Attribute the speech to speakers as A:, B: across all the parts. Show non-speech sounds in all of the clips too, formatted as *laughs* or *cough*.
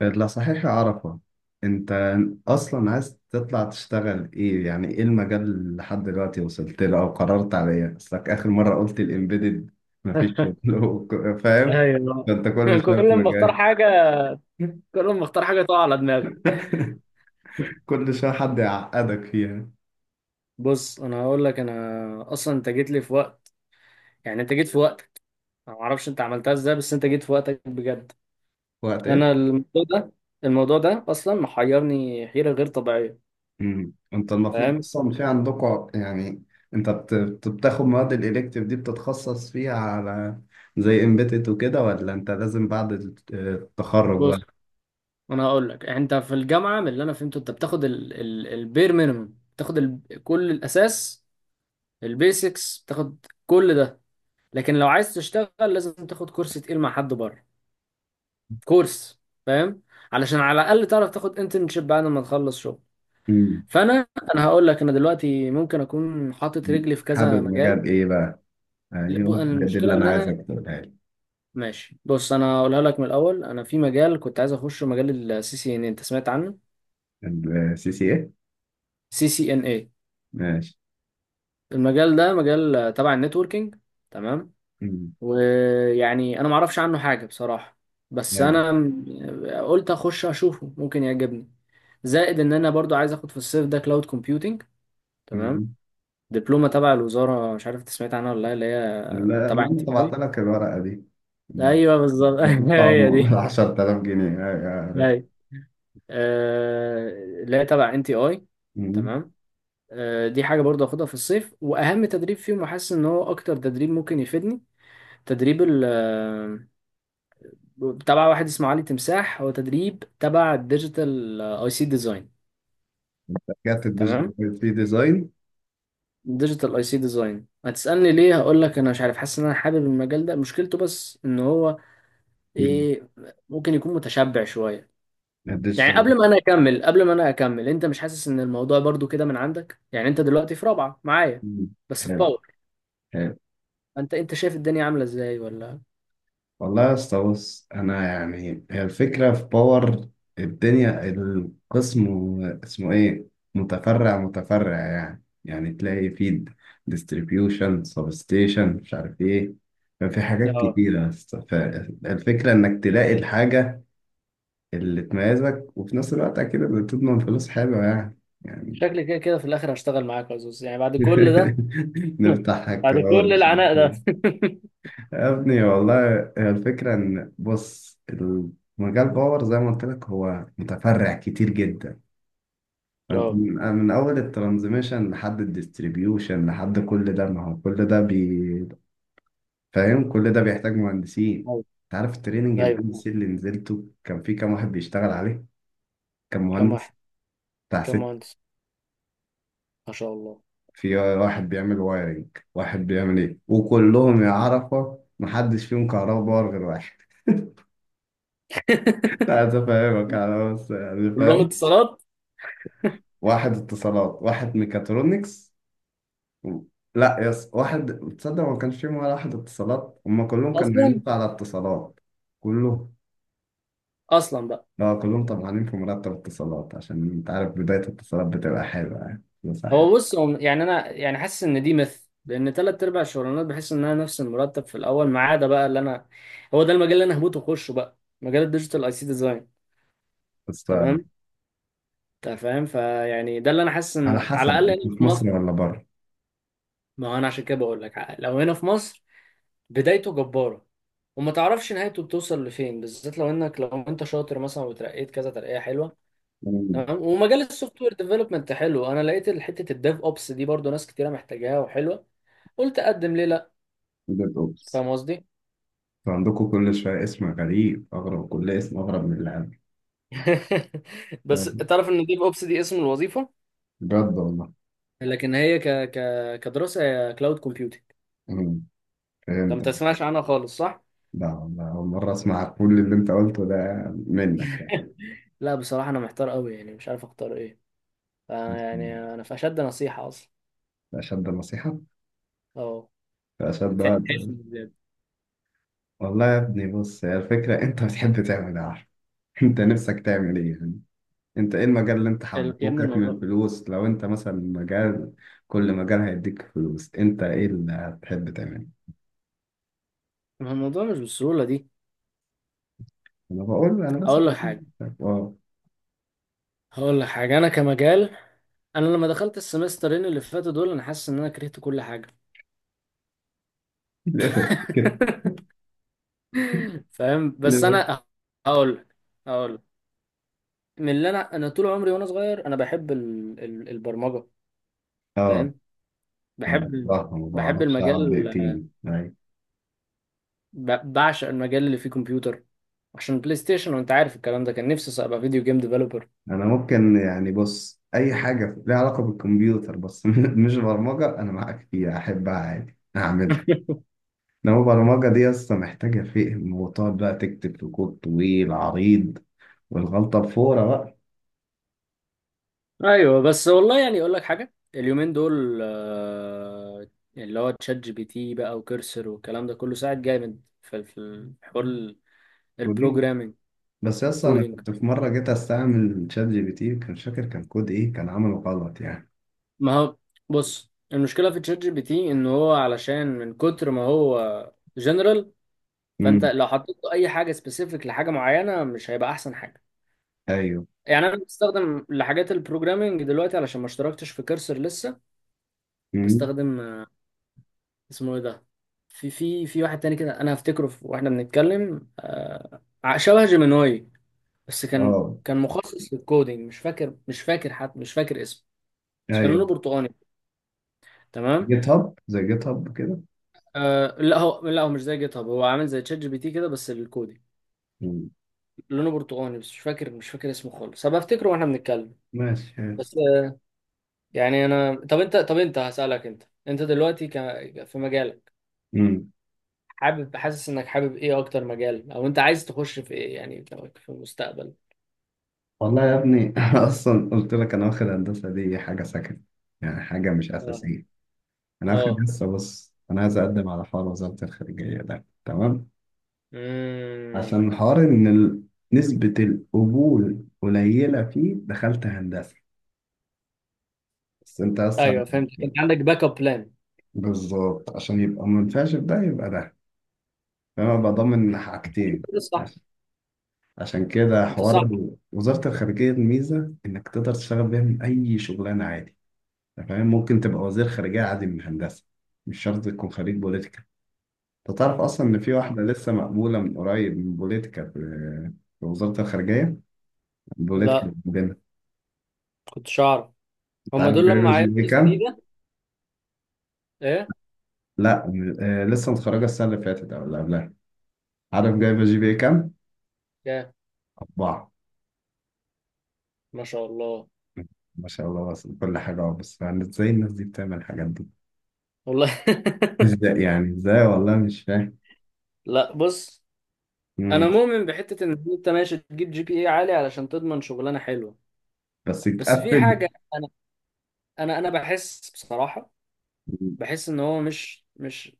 A: لا، صحيح يا عرفة. انت اصلا عايز تطلع تشتغل ايه؟ يعني ايه المجال اللي لحد دلوقتي وصلت له او قررت عليه؟ اصلك اخر مرة قلت الامبيدد مفيش شغل. *laughs* فاهم. ده
B: ايوه.
A: انت كل
B: *laughs*
A: شوية في
B: كل ما اختار
A: مجال.
B: حاجه
A: *laughs*
B: كل ما اختار حاجه تقع على دماغي.
A: كل شوية حد يعقدك فيها.
B: بص، انا هقول لك. انا اصلا انت جيت لي في وقت، يعني انت جيت في وقتك. انا ما اعرفش انت عملتها ازاي، بس انت جيت في وقتك بجد.
A: وقت ايه؟
B: انا الموضوع ده الموضوع ده اصلا محيرني حيره غير طبيعيه،
A: انت المفروض
B: فاهم؟
A: اصلا في عندكم، يعني انت بتاخد مواد الالكتيف دي بتتخصص فيها على، زي امبيدد وكده، ولا انت لازم بعد التخرج؟
B: بص انا هقول لك، انت في الجامعه، من اللي انا فهمته انت بتاخد ال البير مينيمم، بتاخد كل الاساس، البيسكس، بتاخد كل ده. لكن لو عايز تشتغل لازم تاخد كورس تقيل مع حد بره، كورس، فاهم؟ علشان على الاقل تعرف تاخد انترنشيب بعد ما تخلص شغل.
A: بقى
B: فانا هقول لك، انا دلوقتي ممكن اكون حاطط رجلي في كذا
A: حابب
B: مجال.
A: مجال ايه بقى؟
B: لا،
A: ايوه بجد،
B: المشكله
A: اللي انا
B: ان انا
A: عايزك تقولها لي.
B: ماشي. بص انا هقولها لك من الاول، انا في مجال كنت عايز اخشه، مجال الـCCNA، انت سمعت عنه؟
A: السي سي ايه؟
B: CCNA.
A: ماشي.
B: المجال ده مجال، تبع النتوركينج، تمام؟
A: مم.
B: ويعني انا ما اعرفش عنه حاجه بصراحه، بس
A: ايوه.
B: انا قلت اخش اشوفه ممكن يعجبني. زائد ان انا برضو عايز اخد في الصيف ده كلاود كومبيوتنج، تمام؟
A: مم.
B: دبلومة تبع الوزارة، مش عارف انت سمعت عنها ولا لا، اللي
A: لا.
B: هي
A: لا
B: تبع
A: انا
B: انتي
A: طبعت
B: اي
A: لك الورقه دي. لا،
B: ايوه بالظبط. *laughs*
A: المفروض
B: هي
A: طبعا
B: دي.
A: *laughs* 10,000 جنيه. ايوه عرفت.
B: ايوه. آه، اللي هي تبع انتي اي.
A: مم.
B: تمام. دي حاجة برضه هاخدها في الصيف، وأهم تدريب فيهم، وحاسس إن هو أكتر تدريب ممكن يفيدني. تدريب ال آه، تبع واحد اسمه علي تمساح، هو تدريب تبع الديجيتال IC ديزاين،
A: رجعت
B: تمام.
A: الديجيتال في ديزاين؟
B: ديجيتال اي سي ديزاين، هتسألني ليه؟ هقول لك أنا مش عارف، حاسس إن أنا حابب المجال ده، مشكلته بس إن هو،
A: مم.
B: ايه، ممكن يكون متشبع شوية. يعني
A: الديجيتال.
B: قبل ما انا اكمل، انت مش حاسس ان الموضوع برضو كده من عندك؟ يعني انت دلوقتي في رابعة معايا،
A: مم.
B: بس في
A: حلو.
B: باور،
A: حلو.
B: انت شايف الدنيا عاملة ازاي ولا؟
A: والله يا اسطى، بص انا يعني هي الفكره في باور، الدنيا القسم اسمه ايه، متفرع متفرع، يعني تلاقي في ديستريبيوشن، سب ستيشن، مش عارف ايه. ففي حاجات
B: اه.
A: كتيره يا اسطى، فالفكره انك تلاقي الحاجه اللي تميزك، وفي نفس الوقت اكيد اللي تضمن فلوس حلوه يعني. يعني
B: شكلي كده كده في الاخر هشتغل معاك يا زوز يعني، بعد كل ده،
A: *laughs* نفتحها
B: بعد
A: كده
B: كل
A: أول
B: العناء
A: اسبوع.
B: ده. *laughs*
A: يا ابني والله هي الفكرة، إن بص المجال باور زي ما قلت لك هو متفرع كتير جدا. فأنت
B: اه،
A: من أول الترانزميشن لحد الديستريبيوشن لحد كل ده، ما هو كل ده بي، فاهم، كل ده بيحتاج مهندسين.
B: ايوه،
A: أنت عارف التريننج البي ال
B: ايوه.
A: سي اللي نزلته كان في كام واحد بيشتغل عليه؟ كان
B: كم
A: مهندس
B: واحد؟
A: بتاع
B: كم
A: ست،
B: مهندس؟ ما شاء الله.
A: في واحد بيعمل وايرنج، واحد بيعمل إيه، وكلهم يا عرفة محدش فيهم كهرباء باور غير واحد. *laughs*
B: *laughs*
A: لا أفهمك أنا بس، يعني
B: كلهم
A: فاهم.
B: اتصالات.
A: واحد اتصالات، واحد ميكاترونكس، و- لا يس واحد. تصدق ما كانش فيهم ولا واحد اتصالات، هما كلهم كانوا
B: اصلا،
A: بيموتوا على اتصالات. كلهم.
B: اصلا بقى.
A: لا كلهم طبعا في مرتب اتصالات، عشان انت عارف بداية الاتصالات بتبقى حلوة يعني، بس
B: هو
A: حلوة.
B: بص، هو يعني انا يعني حاسس ان دي مثل، لان تلات ارباع الشغلانات بحس انها نفس المرتب في الاول، ما عدا بقى اللي انا، هو ده المجال اللي انا هموت واخشه بقى، مجال الديجيتال اي سي ديزاين.
A: بس
B: تمام. انت فاهم، فيعني ده اللي انا حاسس
A: على
B: ان على
A: حسب
B: الاقل هنا
A: انت في
B: في مصر.
A: مصر ولا بره.
B: ما هو انا عشان كده بقول لك، لو هنا في مصر بدايته جباره، وما تعرفش نهايته بتوصل لفين، بالذات لو انت شاطر مثلا وترقيت كذا ترقيه حلوه.
A: مم.
B: تمام. ومجال السوفت وير ديفلوبمنت حلو، انا لقيت حته الديف اوبس دي برضو ناس كتيره محتاجاها وحلوه، قلت اقدم ليه لا؟
A: ديت اوبس؟
B: فاهم قصدي؟
A: انتوا عندكم كل شوية اسم غريب، أغرب كل اسم أغرب من اللي عندي.
B: *laughs* بس
A: يعني
B: تعرف ان ديف اوبس دي اسم الوظيفه،
A: بجد والله.
B: لكن هي ك ك كدراسه هي كلاود كومبيوتنج.
A: مم.
B: انت ما
A: فهمت.
B: تسمعش عنها خالص، صح؟
A: لا والله أول مرة أسمع كل اللي أنت قلته ده منك.
B: *laughs* لا بصراحه انا محتار قوي يعني، مش عارف اختار ايه. فأنا يعني انا في اشد نصيحه اصلا.
A: أشد نصيحة؟
B: اه.
A: أشد
B: تحس
A: وعد.
B: إن،
A: والله يا ابني بص، هي الفكرة *laughs* أنت بتحب تعمل إيه، عارف؟ *laughs* أنت نفسك تعمل إيه يعني؟ أنت إيه المجال اللي أنت
B: يا ابني
A: حبوكك من
B: الموضوع،
A: الفلوس؟ لو أنت مثلا مجال، كل مجال هيديك فلوس، أنت إيه اللي هتحب تعمله؟
B: الموضوع مش بالسهوله دي.
A: أنا بقول أنا
B: اقول لك
A: مثلا
B: حاجه،
A: آه.
B: هقول لك حاجه. انا كمجال، انا لما دخلت السمسترين اللي فاتوا دول انا حاسس ان انا كرهت كل حاجه.
A: *laughs* ليه كده؟
B: *laughs* فاهم؟ بس
A: ليه؟
B: انا هقول لك هقول لك، من اللي انا طول عمري وانا صغير انا بحب البرمجه،
A: آه.
B: فاهم؟
A: أنا
B: بحب ال-
A: بصراحة ما
B: بحب
A: بعرفش أقعد
B: المجال،
A: دقيقتين أيوة.
B: بعشق المجال اللي فيه كمبيوتر، عشان بلاي ستيشن وانت عارف الكلام ده، كان نفسي ابقى فيديو جيم ديفلوبر.
A: أنا ممكن يعني، بص أي حاجة ليها علاقة بالكمبيوتر بس *laughs* مش برمجة، أنا معاك فيها، أحبها عادي أعملها.
B: *laughs*
A: إنما البرمجة دي أصلا محتاجة فهم، وتقعد بقى تكتب في كود طويل عريض، والغلطة بفورة بقى.
B: ايوه. بس والله يعني، اقول لك حاجه، اليومين دول، اللي هو تشات GPT بقى وكرسر والكلام ده كله ساعد جامد في حوار
A: كودينج.
B: البروجرامينج
A: بس أصلا أنا
B: والكودينج.
A: كنت في مرة جيت أستعمل شات جي بي تي، كان فاكر، كان كود إيه، كان عمله غلط يعني.
B: ما هو بص، المشكله في تشات جي بي تي ان هو، علشان من كتر ما هو جنرال، فانت
A: امم.
B: لو حطيت له اي حاجه سبيسيفيك لحاجه معينه مش هيبقى احسن حاجه.
A: أيوه.
B: يعني انا بستخدم لحاجات البروجرامينج دلوقتي، علشان ما اشتركتش في كورسر لسه.
A: امم.
B: بستخدم، اسمه ايه ده، في واحد تاني كده، انا هفتكره واحنا بنتكلم، شبه جيميناي، بس كان
A: أه.
B: كان مخصص للكودينج، مش فاكر حتى مش فاكر اسمه، بس كان
A: أيوه.
B: لونه برتقاني، تمام.
A: جيت هاب، زي جيت هاب كده.
B: آه لا هو، مش زي جيت هاب، هو عامل زي تشات جي بي تي كده بس الكودي،
A: مم.
B: لونه برتقاني، بس مش فاكر اسمه خالص، هبقى افتكره واحنا بنتكلم.
A: ماشي.
B: بس يعني انا، طب انت، طب انت هسألك، انت دلوقتي في مجالك،
A: امم.
B: حاسس انك حابب ايه اكتر مجال، او انت عايز تخش في ايه يعني، في المستقبل؟
A: والله يا ابني *laughs* أنا أصلا قلت لك، أنا واخد هندسة دي حاجة سكن، يعني حاجة مش
B: اه،
A: أساسية. أنا واخد
B: اه،
A: لسه، بص أنا عايز أقدم على حوار وزارة الخارجية ده، تمام؟
B: امم،
A: عشان حوار ان نسبة القبول قليلة فيه، دخلت هندسة. بس انت اصلا.
B: ايوه، فهمت. انت عندك باك اب بلان.
A: بالظبط، عشان يبقى منفعش في ده يبقى ده، فانا ببقى ضامن حاجتين.
B: انت صح،
A: عش- عشان كده
B: انت صح.
A: حوار وزارة الخارجية، الميزة انك تقدر تشتغل بيها من اي شغلانة عادي. أنت فاهم، ممكن تبقى وزير خارجية عادي من هندسة، مش شرط تكون خريج بوليتيكا. انت تعرف اصلا ان في
B: آه.
A: واحدة لسه مقبولة من قريب من بوليتيكا، في في وزارة الخارجية. بوليتيكا
B: لا،
A: عندنا.
B: كنتش اعرف.
A: انت
B: هم
A: عارف
B: دول
A: جايبة
B: لما
A: جي
B: عينوا
A: بي
B: ناس
A: كام؟
B: جديده. ايه؟
A: لا آه لسه متخرجة السنة اللي فاتت أو اللي قبلها. عارف جايبة جي بي إيه كام؟
B: يا
A: أربعة.
B: ما شاء الله.
A: ما شاء الله، بس كل حاجة أهو، بس يعني إزاي الناس دي بتعمل الحاجات دي؟
B: والله.
A: إزاي يعني، إزاي والله مش فاهم.
B: *laughs* لا بص، انا
A: مم.
B: مؤمن بحته ان انت ماشي تجيب GPA عالي علشان تضمن شغلانه حلوه،
A: بس
B: بس في
A: يتقفل.
B: حاجه، انا بحس بصراحه، بحس ان هو مش مش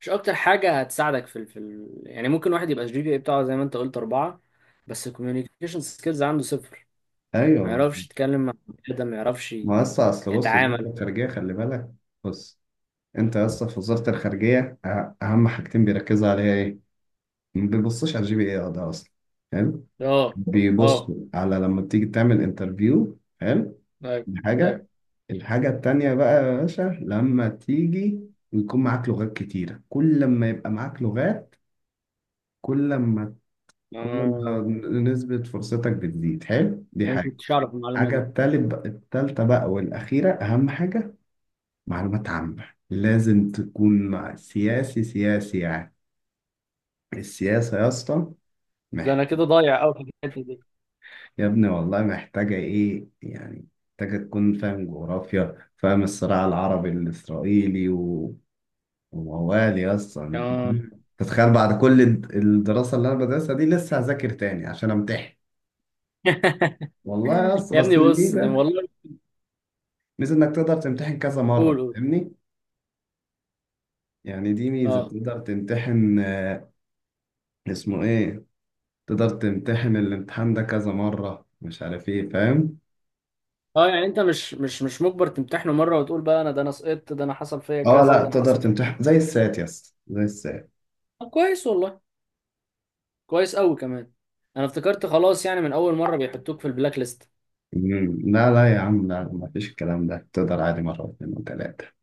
B: مش اكتر حاجه هتساعدك في يعني، ممكن واحد يبقى الجي بي اي بتاعه زي ما انت قلت اربعه، بس الكوميونيكيشن سكيلز عنده صفر، ما
A: أيوه،
B: يعرفش يتكلم مع بني ادم، ما يعرفش
A: ما هسه أصل بص وزارة
B: يتعامل.
A: الخارجية خلي بالك. بص أنت هسه في وزارة الخارجية، أهم حاجتين بيركزوا عليها إيه؟ ما بيبصوش على الجي بي إيه، أه ده أصلا، حلو؟
B: اه،
A: بيبصوا
B: اه،
A: على لما تيجي تعمل انترفيو، حلو،
B: ايوه،
A: حاجة.
B: ايوه.
A: الحاجة التانية بقى يا باشا، لما تيجي ويكون معاك لغات كتيرة، كل ما يبقى معاك لغات، كل ما كل ما
B: آه.
A: نسبة فرصتك بتزيد. حلو، دي
B: انا ما
A: حاجة.
B: كنتش اعرف المعلومه
A: حاجة
B: دي.
A: التالتة بقى والأخيرة، أهم حاجة معلومات عامة، لازم تكون مع سياسي، سياسي يعني، السياسة يا اسطى.
B: ده
A: محت...
B: انا كده ضايع قوي في الحته دي.
A: يا ابني والله محتاجة إيه يعني؟ محتاجة تكون فاهم جغرافيا، فاهم الصراع العربي الإسرائيلي، موال يا اسطى،
B: آه.
A: تتخيل بعد كل الدراسة اللي انا بدرسها دي لسه هذاكر تاني عشان امتحن؟
B: *laughs*
A: والله يا اسطى
B: يا
A: بس
B: ابني بص، ده
A: الميزة،
B: والله.
A: ميزة انك تقدر تمتحن كذا
B: قول،
A: مرة،
B: قول.
A: فاهمني؟ يعني دي ميزة،
B: اه،
A: تقدر تمتحن آه، اسمه ايه، تقدر تمتحن الامتحان ده كذا مرة، مش عارف ايه، فاهم.
B: اه. يعني انت مش مجبر تمتحنه مره، وتقول بقى انا ده انا سقطت، ده انا حصل فيا
A: اه
B: كذا،
A: لا،
B: ده انا
A: تقدر
B: حصل في...
A: تمتحن زي السات يا اسطى، زي السات.
B: طب كويس والله، كويس قوي كمان. انا افتكرت خلاص، يعني من اول مره بيحطوك في البلاك ليست.
A: مم. لا لا يا عم لا، مفيش الكلام ده، تقدر عادي مرة واثنين وثلاثة